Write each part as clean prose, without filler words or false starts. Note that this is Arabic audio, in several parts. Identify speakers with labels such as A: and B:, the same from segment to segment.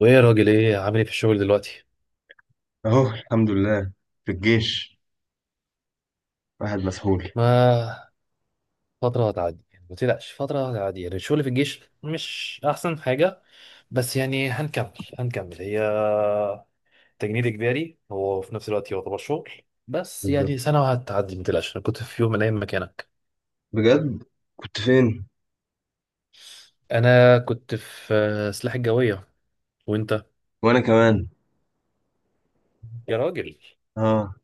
A: وايه يا راجل، ايه؟ عامل ايه في الشغل دلوقتي؟
B: اهو الحمد لله. في الجيش. واحد مسحول.
A: ما فتره هتعدي يعني، ما تقلقش، فتره هتعدي يعني. الشغل في الجيش مش احسن حاجه، بس يعني هنكمل هي تجنيد اجباري، هو في نفس الوقت يعتبر شغل. بس
B: بالظبط.
A: يعني سنه وهتعدي، ما تقلقش. انا كنت في يوم من الايام مكانك.
B: بجد؟ كنت فين؟
A: انا كنت في سلاح الجويه. وانت؟
B: وانا كمان.
A: يا راجل،
B: اه.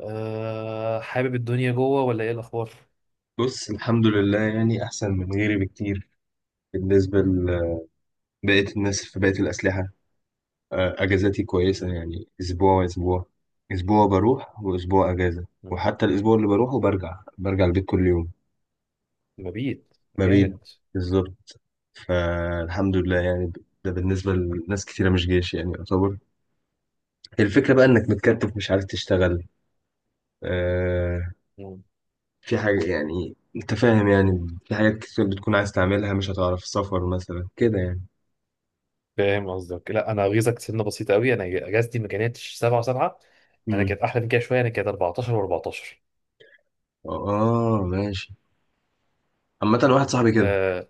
A: أه، حابب الدنيا جوه ولا ايه الاخبار؟
B: بص، الحمد لله، يعني احسن من غيري بكتير. بالنسبه لبقيه الناس في بقيه الاسلحه. اجازاتي كويسه، يعني اسبوع واسبوع. اسبوع بروح واسبوع اجازه،
A: مم.
B: وحتى الاسبوع اللي بروحه برجع البيت كل يوم.
A: مبيت.
B: مبيت.
A: جامد.
B: بالظبط. فالحمد لله يعني. ده بالنسبه لناس كتيره مش جيش يعني يعتبر. الفكره بقى انك متكتف، مش عارف تشتغل. آه، في حاجة يعني انت فاهم، يعني في حاجات كتير بتكون عايز تعملها مش هتعرف، سفر مثلا كده يعني.
A: فاهم قصدك. لا، انا غيظك، سنه بسيطه قوي. انا اجازتي ما كانتش 7 و7. انا
B: امم.
A: كانت احلى من كده شويه، انا كانت 14 و14.
B: اه، ماشي. عامة واحد صاحبي كده.
A: آه،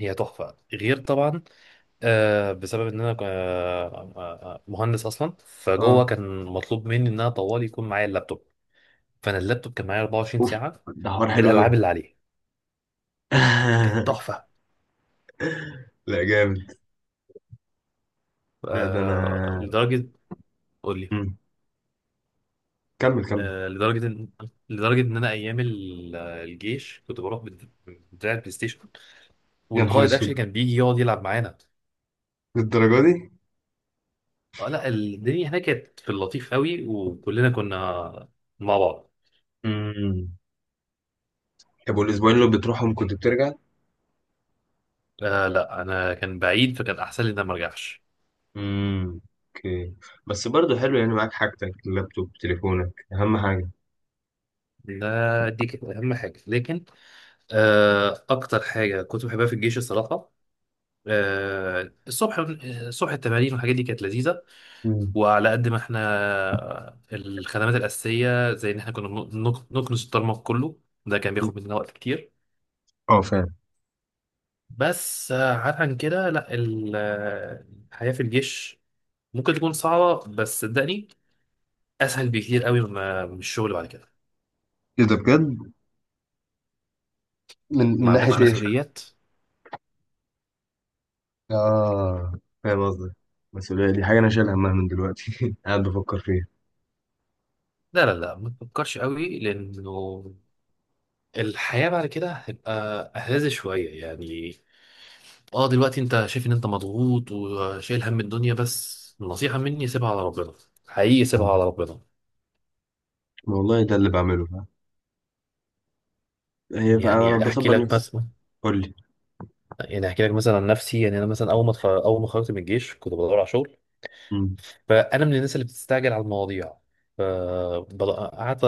A: هي تحفه غير طبعا. آه، بسبب ان انا مهندس اصلا، فجوه
B: اه.
A: كان مطلوب مني ان انا طوال يكون معايا اللابتوب. فانا اللابتوب كان معايا 24
B: اوف.
A: ساعه
B: ده حوار حلو قوي.
A: بالالعاب اللي عليه. لا، كانت تحفه.
B: لا، جامد. لا، ده انا.
A: آه لدرجه. قول لي.
B: مم. كمل، كمل.
A: آه لدرجه ان انا ايام الجيش كنت بروح بدراع البلاي ستيشن،
B: يا نهار
A: والقائد اكشلي
B: اسود.
A: كان بيجي يقعد يلعب معانا.
B: للدرجة دي؟
A: اه، لا الدنيا هناك كانت في اللطيف قوي، وكلنا كنا مع بعض.
B: امم. طب والاسبوعين اللي بتروحهم كنت بترجع؟
A: آه، لا انا كان بعيد فكان احسن لي ان انا ما ارجعش.
B: امم. اوكي. بس برضه حلو، يعني معاك حاجتك اللابتوب تليفونك اهم حاجة.
A: ده دي كانت اهم حاجه، لكن آه، اكتر حاجه كنت بحبها في الجيش الصراحه، آه الصبح. الصبح التمارين والحاجات دي كانت لذيذه.
B: امم.
A: وعلى قد ما احنا، الخدمات الاساسيه، زي ان احنا كنا بنكنس الطرمق كله. ده كان بياخد مننا وقت كتير.
B: اه، فاهم.
A: بس عاد عن كده. لا الحياة في الجيش ممكن تكون صعبة، بس صدقني، أسهل بكتير قوي من الشغل بعد كده.
B: ايه ده؟ بجد؟ من
A: ما
B: ناحية
A: عندكش
B: ما ايه؟ عندكش؟
A: مسؤوليات.
B: اه، فاهم قصدك. المسؤولية دي حاجة أنا شايل همها من دلوقتي، قاعد بفكر فيها.
A: لا لا لا، ما تفكرش قوي، لأنه الحياة بعد كده هتبقى أهز شوية يعني. اه دلوقتي انت شايف ان انت مضغوط وشايل هم الدنيا، بس النصيحة مني سيبها على ربنا. حقيقي، سيبها على ربنا.
B: والله ده اللي بعمله، فاهم. هي بقى أنا
A: يعني احكي
B: بصبر
A: لك
B: نفسي.
A: مثلا،
B: قول لي.
A: يعني احكي لك مثلا عن نفسي، يعني انا مثلا اول ما اول ما خرجت من الجيش كنت بدور على شغل.
B: مم.
A: فانا من الناس اللي بتستعجل على المواضيع. ف- قعدت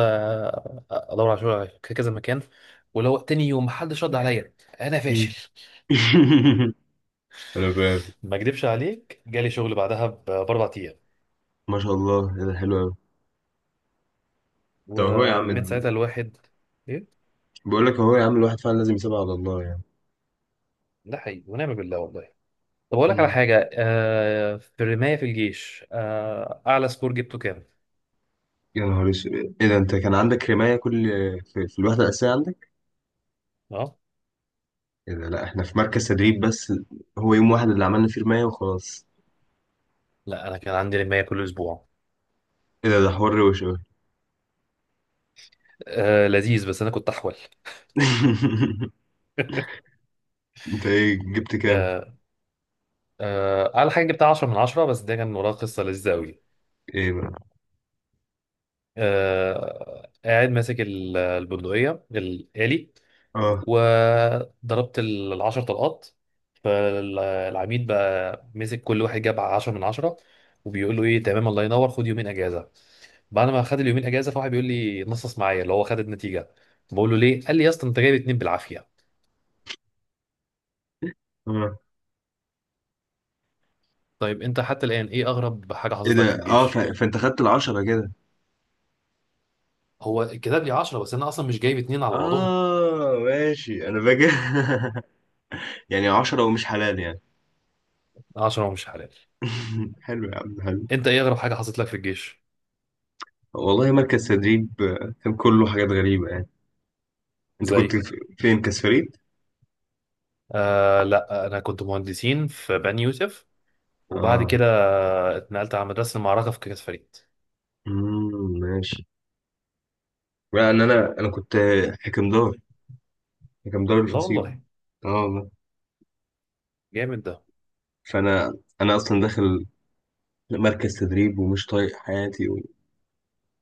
A: ادور على شغل في كذا مكان، ولو تاني يوم محدش رد عليا، انا
B: مم.
A: فاشل.
B: أنا فاهم.
A: ما اكدبش عليك، جالي شغل بعدها باربع ايام.
B: ما شاء الله، إيه ده؟ حلو أوي. طب هو يا عم.
A: ومن ساعتها الواحد... ايه؟
B: بقول لك، هو يا عم الواحد فعلا لازم يسيبها على الله يعني.
A: ده حقيقي، ونعم بالله والله. طب اقول لك على
B: مم.
A: حاجه، آه في الرمايه في الجيش، آه اعلى سكور جبته كام؟
B: يا نهار اسود. ايه ده؟ انت كان عندك رماية في الوحدة الأساسية عندك؟
A: اه
B: ايه ده؟ لا، احنا في مركز تدريب بس. هو يوم واحد اللي عملنا فيه رماية وخلاص.
A: لا، انا كان عندي رمايه كل اسبوع.
B: ايه ده؟ ده حوار وش أوي.
A: آه لذيذ، بس انا كنت احول.
B: انت ايه جبت كام؟
A: آه، آه اعلى حاجه جبتها 10 من 10، بس ده كان وراه قصه لذيذه قوي.
B: ايه بقى؟
A: قاعد ماسك البندقية الآلي،
B: اه،
A: وضربت العشر طلقات. فالعميد بقى مسك كل واحد جاب عشرة من عشرة، وبيقول له: ايه تمام، الله ينور، خد يومين اجازه. بعد ما خد اليومين اجازه، فواحد بيقول لي: نصص معايا، اللي هو خد النتيجه. بقول له: ليه؟ قال لي: يا اسطى انت جايب اتنين بالعافيه.
B: اه.
A: طيب انت حتى الان، ايه اغرب حاجه
B: ايه
A: حصلت لك في
B: ده؟ اه،
A: الجيش؟
B: فانت خدت العشرة كده؟
A: هو كتب لي 10، بس انا اصلا مش جايب اتنين على بعضهم.
B: اه، ماشي، انا فاكر. يعني عشرة ومش حلال يعني.
A: 10 ومش حلال.
B: حلو يا عم، حلو.
A: انت ايه اغرب حاجه حصلت لك في الجيش؟
B: والله مركز تدريب كان كله حاجات غريبة يعني. انت كنت
A: زي...
B: فين كاس فريد؟
A: آه لا، انا كنت مهندسين في بني يوسف، وبعد
B: اه.
A: كده اتنقلت على مدرسه المعركه في كاس فريد.
B: امم، ماشي. لان انا كنت حكمدار حكمدار
A: لا
B: الفصيلة.
A: والله.
B: اه والله.
A: جامد ده.
B: فانا اصلا داخل مركز تدريب ومش طايق حياتي.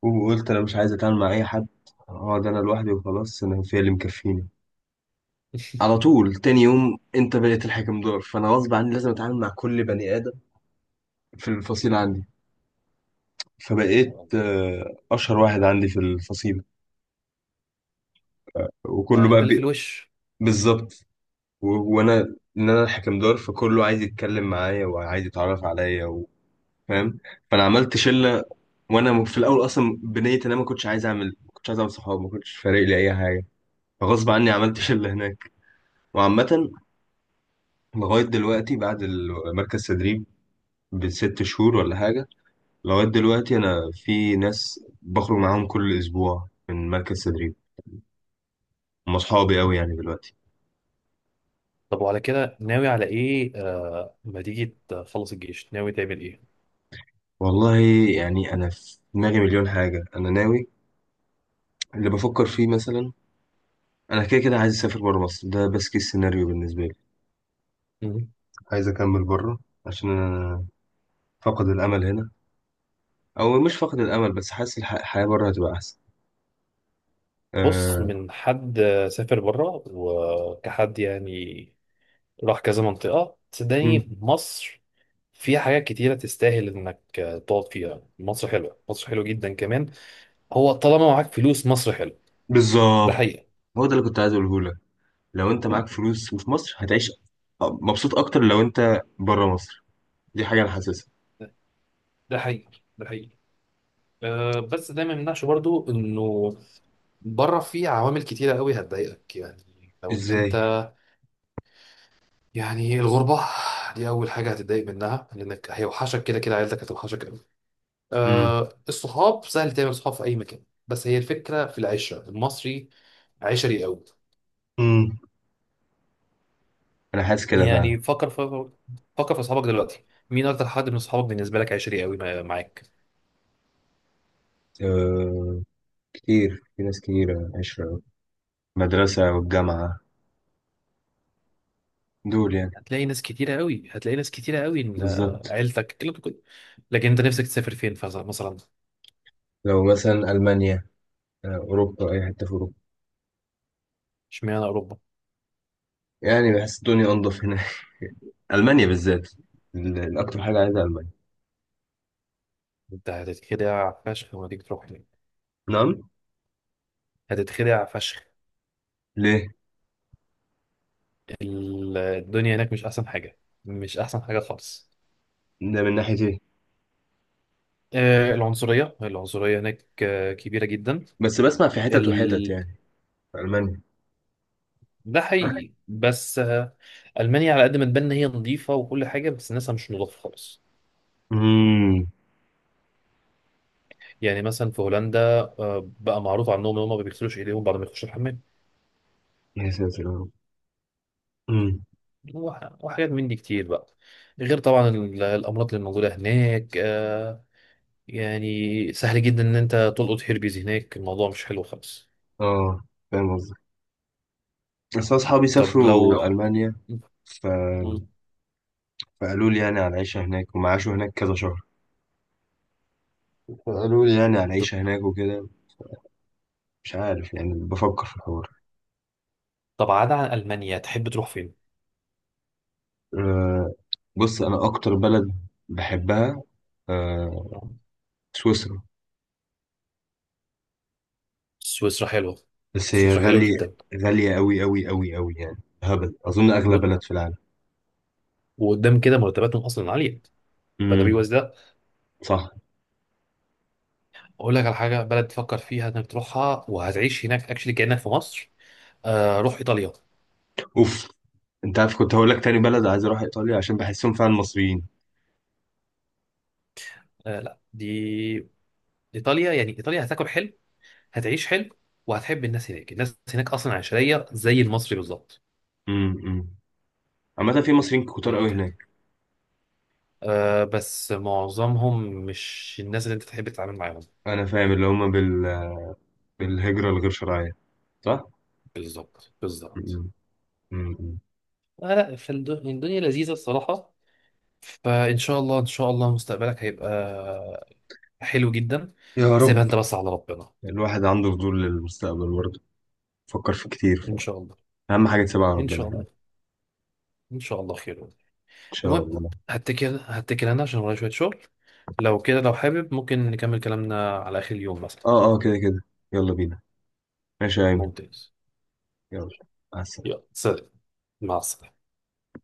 B: وقلت انا مش عايز اتعامل مع اي حد. اقعد انا لوحدي وخلاص، انا في اللي مكفيني. على طول تاني يوم انت بقيت الحكم دور، فانا غصب عني لازم اتعامل مع كل بني ادم في الفصيل عندي.
A: لا
B: فبقيت
A: والله.
B: اشهر واحد عندي في الفصيل. وكله
A: ما انت
B: بقى
A: اللي في الوش.
B: بالظبط. وانا ان انا الحكم دور، فكله عايز يتكلم معايا وعايز يتعرف عليا فاهم. فانا عملت شله. وانا في الاول اصلا بنيت، انا ما كنتش عايز اعمل صحاب، ما كنتش فارق لي اي حاجه. فغصب عني عملت شله هناك. وعامه، لغاية دلوقتي بعد مركز تدريب بست شهور ولا حاجة. لغاية دلوقتي أنا في ناس بخرج معاهم كل أسبوع من مركز تدريب، هم أصحابي أوي يعني دلوقتي.
A: طب وعلى كده ناوي على ايه؟ آه، ما تيجي تخلص الجيش ناوي تعمل ايه؟
B: والله، يعني أنا في دماغي مليون حاجة أنا ناوي. اللي بفكر فيه مثلا، أنا كده كده عايز أسافر بره مصر، ده بس كيس سيناريو بالنسبة لي.
A: مم.
B: عايز أكمل بره، عشان أنا فقد الأمل هنا. أو مش فقد الأمل، بس حاسس الحياة بره هتبقى أحسن.
A: بص،
B: أه...
A: من حد سافر بره وكحد يعني، راح كذا منطقه، صدقني
B: مم.
A: مصر فيها حاجات كتيرة تستاهل إنك تقعد فيها. مصر حلوة، مصر حلوة جدا كمان، هو طالما معاك فلوس مصر حلوة. ده
B: بالظبط.
A: حقيقة.
B: هو ده اللي كنت عايز أقوله لك. لو انت معاك فلوس وفي مصر هتعيش مبسوط اكتر لو انت بره مصر. دي حاجه انا حاسسها.
A: ده حقيقة. ده حقيقة. أه بس ده ما يمنعش برضو انه بره في عوامل كتيرة قوي هتضايقك، يعني لو ان
B: ازاي؟
A: انت... يعني الغربة دي اول حاجة هتتضايق منها، لانك هيوحشك كده كده عيلتك، هتوحشك قوي.
B: امم،
A: أه، الصحاب سهل تعمل صحاب في اي مكان، بس هي الفكرة في العشرة المصري، عشري قوي.
B: امم. انا حاسس كده فعلا.
A: يعني فكر في، فكر في اصحابك دلوقتي، مين اكتر حد من اصحابك بالنسبة لك عشري قوي معاك؟
B: أه، كتير، في ناس كتير عشرة. مدرسه والجامعه. دول يعني.
A: هتلاقي ناس كتيرة قوي، هتلاقي ناس كتيرة قوي
B: بالظبط.
A: عيلتك، الكلام ده كله. لكن انت نفسك تسافر فين؟ مثلا.
B: لو مثلا المانيا. اوروبا، اي حته في اوروبا.
A: اشمعنى اوروبا؟
B: يعني بحس الدنيا انضف هنا. المانيا بالذات. الاكتر حاجه عايزها المانيا.
A: انت هتتخدع فشخ لما تيجي تروح هناك،
B: نعم؟
A: هتتخدع فشخ.
B: ليه؟
A: الدنيا هناك مش احسن حاجة، مش احسن حاجة خالص.
B: ده من ناحيه ايه؟
A: العنصرية، العنصرية هناك كبيرة جدا.
B: بس بسمع في حتت وحتت
A: ال...
B: يعني. في المانيا.
A: ده حقيقي، بس ألمانيا على قد ما تبان إن هي نظيفة وكل حاجة، بس ناسها مش نضاف خالص.
B: امم.
A: يعني مثلا في هولندا، بقى معروف عنهم إن هم ما بيغسلوش إيديهم بعد ما يخشوا الحمام.
B: يا ساتر يا رب.
A: وحاجات من دي كتير بقى. غير طبعا الامراض اللي موجوده هناك، يعني سهل جدا ان انت تلقط هيربيز هناك، الموضوع مش حلو خالص.
B: اه، فاهم قصدك. بس أنا أصحابي
A: طب
B: سافروا
A: لو...
B: ألمانيا. ف... فقالوا لي يعني على العيشة هناك، وما عاشوا هناك كذا شهر. فقالوا لي يعني على
A: ط-
B: العيشة هناك وكده. مش عارف، يعني بفكر في الحوار.
A: طب عدا عن المانيا تحب تروح فين؟
B: أه، بص أنا أكتر بلد بحبها، أه سويسرا.
A: سويسرا حلوه،
B: بس هي
A: سويسرا حلوه
B: غالية.
A: جدا.
B: غالية أوي أوي أوي أوي يعني. هبل، أظن أغلى
A: ود-
B: بلد في العالم.
A: وقدام كده مرتباتهم اصلا عاليه، فده
B: امم.
A: بيوز ده.
B: صح.
A: اقول لك على حاجه، بلد تفكر فيها انك تروحها وهتعيش هناك اكشلي كانك في مصر: روح ايطاليا.
B: أوف. أنت عارف كنت هقول لك، تاني بلد عايز أروح إيطاليا عشان بحسهم فعلا مصريين.
A: لا دي... ايطاليا، يعني ايطاليا هتاكل حلو، هتعيش حلو، وهتحب الناس هناك. الناس هناك اصلا عشريه زي المصري بالظبط.
B: امم، أمم. عامة في مصريين كتار أوي هناك.
A: أه بس معظمهم مش الناس اللي انت تحب تتعامل معاهم.
B: انا فاهم اللي هم بالهجرة الغير شرعية، صح؟
A: بالظبط، بالظبط.
B: م- م- م.
A: لا لا، فالدنيا لذيذه الصراحه. فان شاء الله، ان شاء الله مستقبلك هيبقى حلو جدا.
B: يا
A: سيبها
B: رب.
A: انت بس على ربنا.
B: الواحد عنده فضول للمستقبل برضه، فكر في كتير
A: ان شاء الله.
B: أهم حاجة تسيبها على
A: ان
B: ربنا
A: شاء
B: فعلا،
A: الله.
B: إن
A: ان شاء الله خير.
B: شاء
A: المهم،
B: الله.
A: هتكل انا عشان ورايا شويه شغل. لو كده، لو حابب ممكن نكمل كلامنا على اخر اليوم مثلا.
B: اه، اه، كده كده. يلا بينا. ماشي يا أيمن.
A: ممتاز.
B: يلا. مع السلامة.
A: يلا سلام. مع السلامة.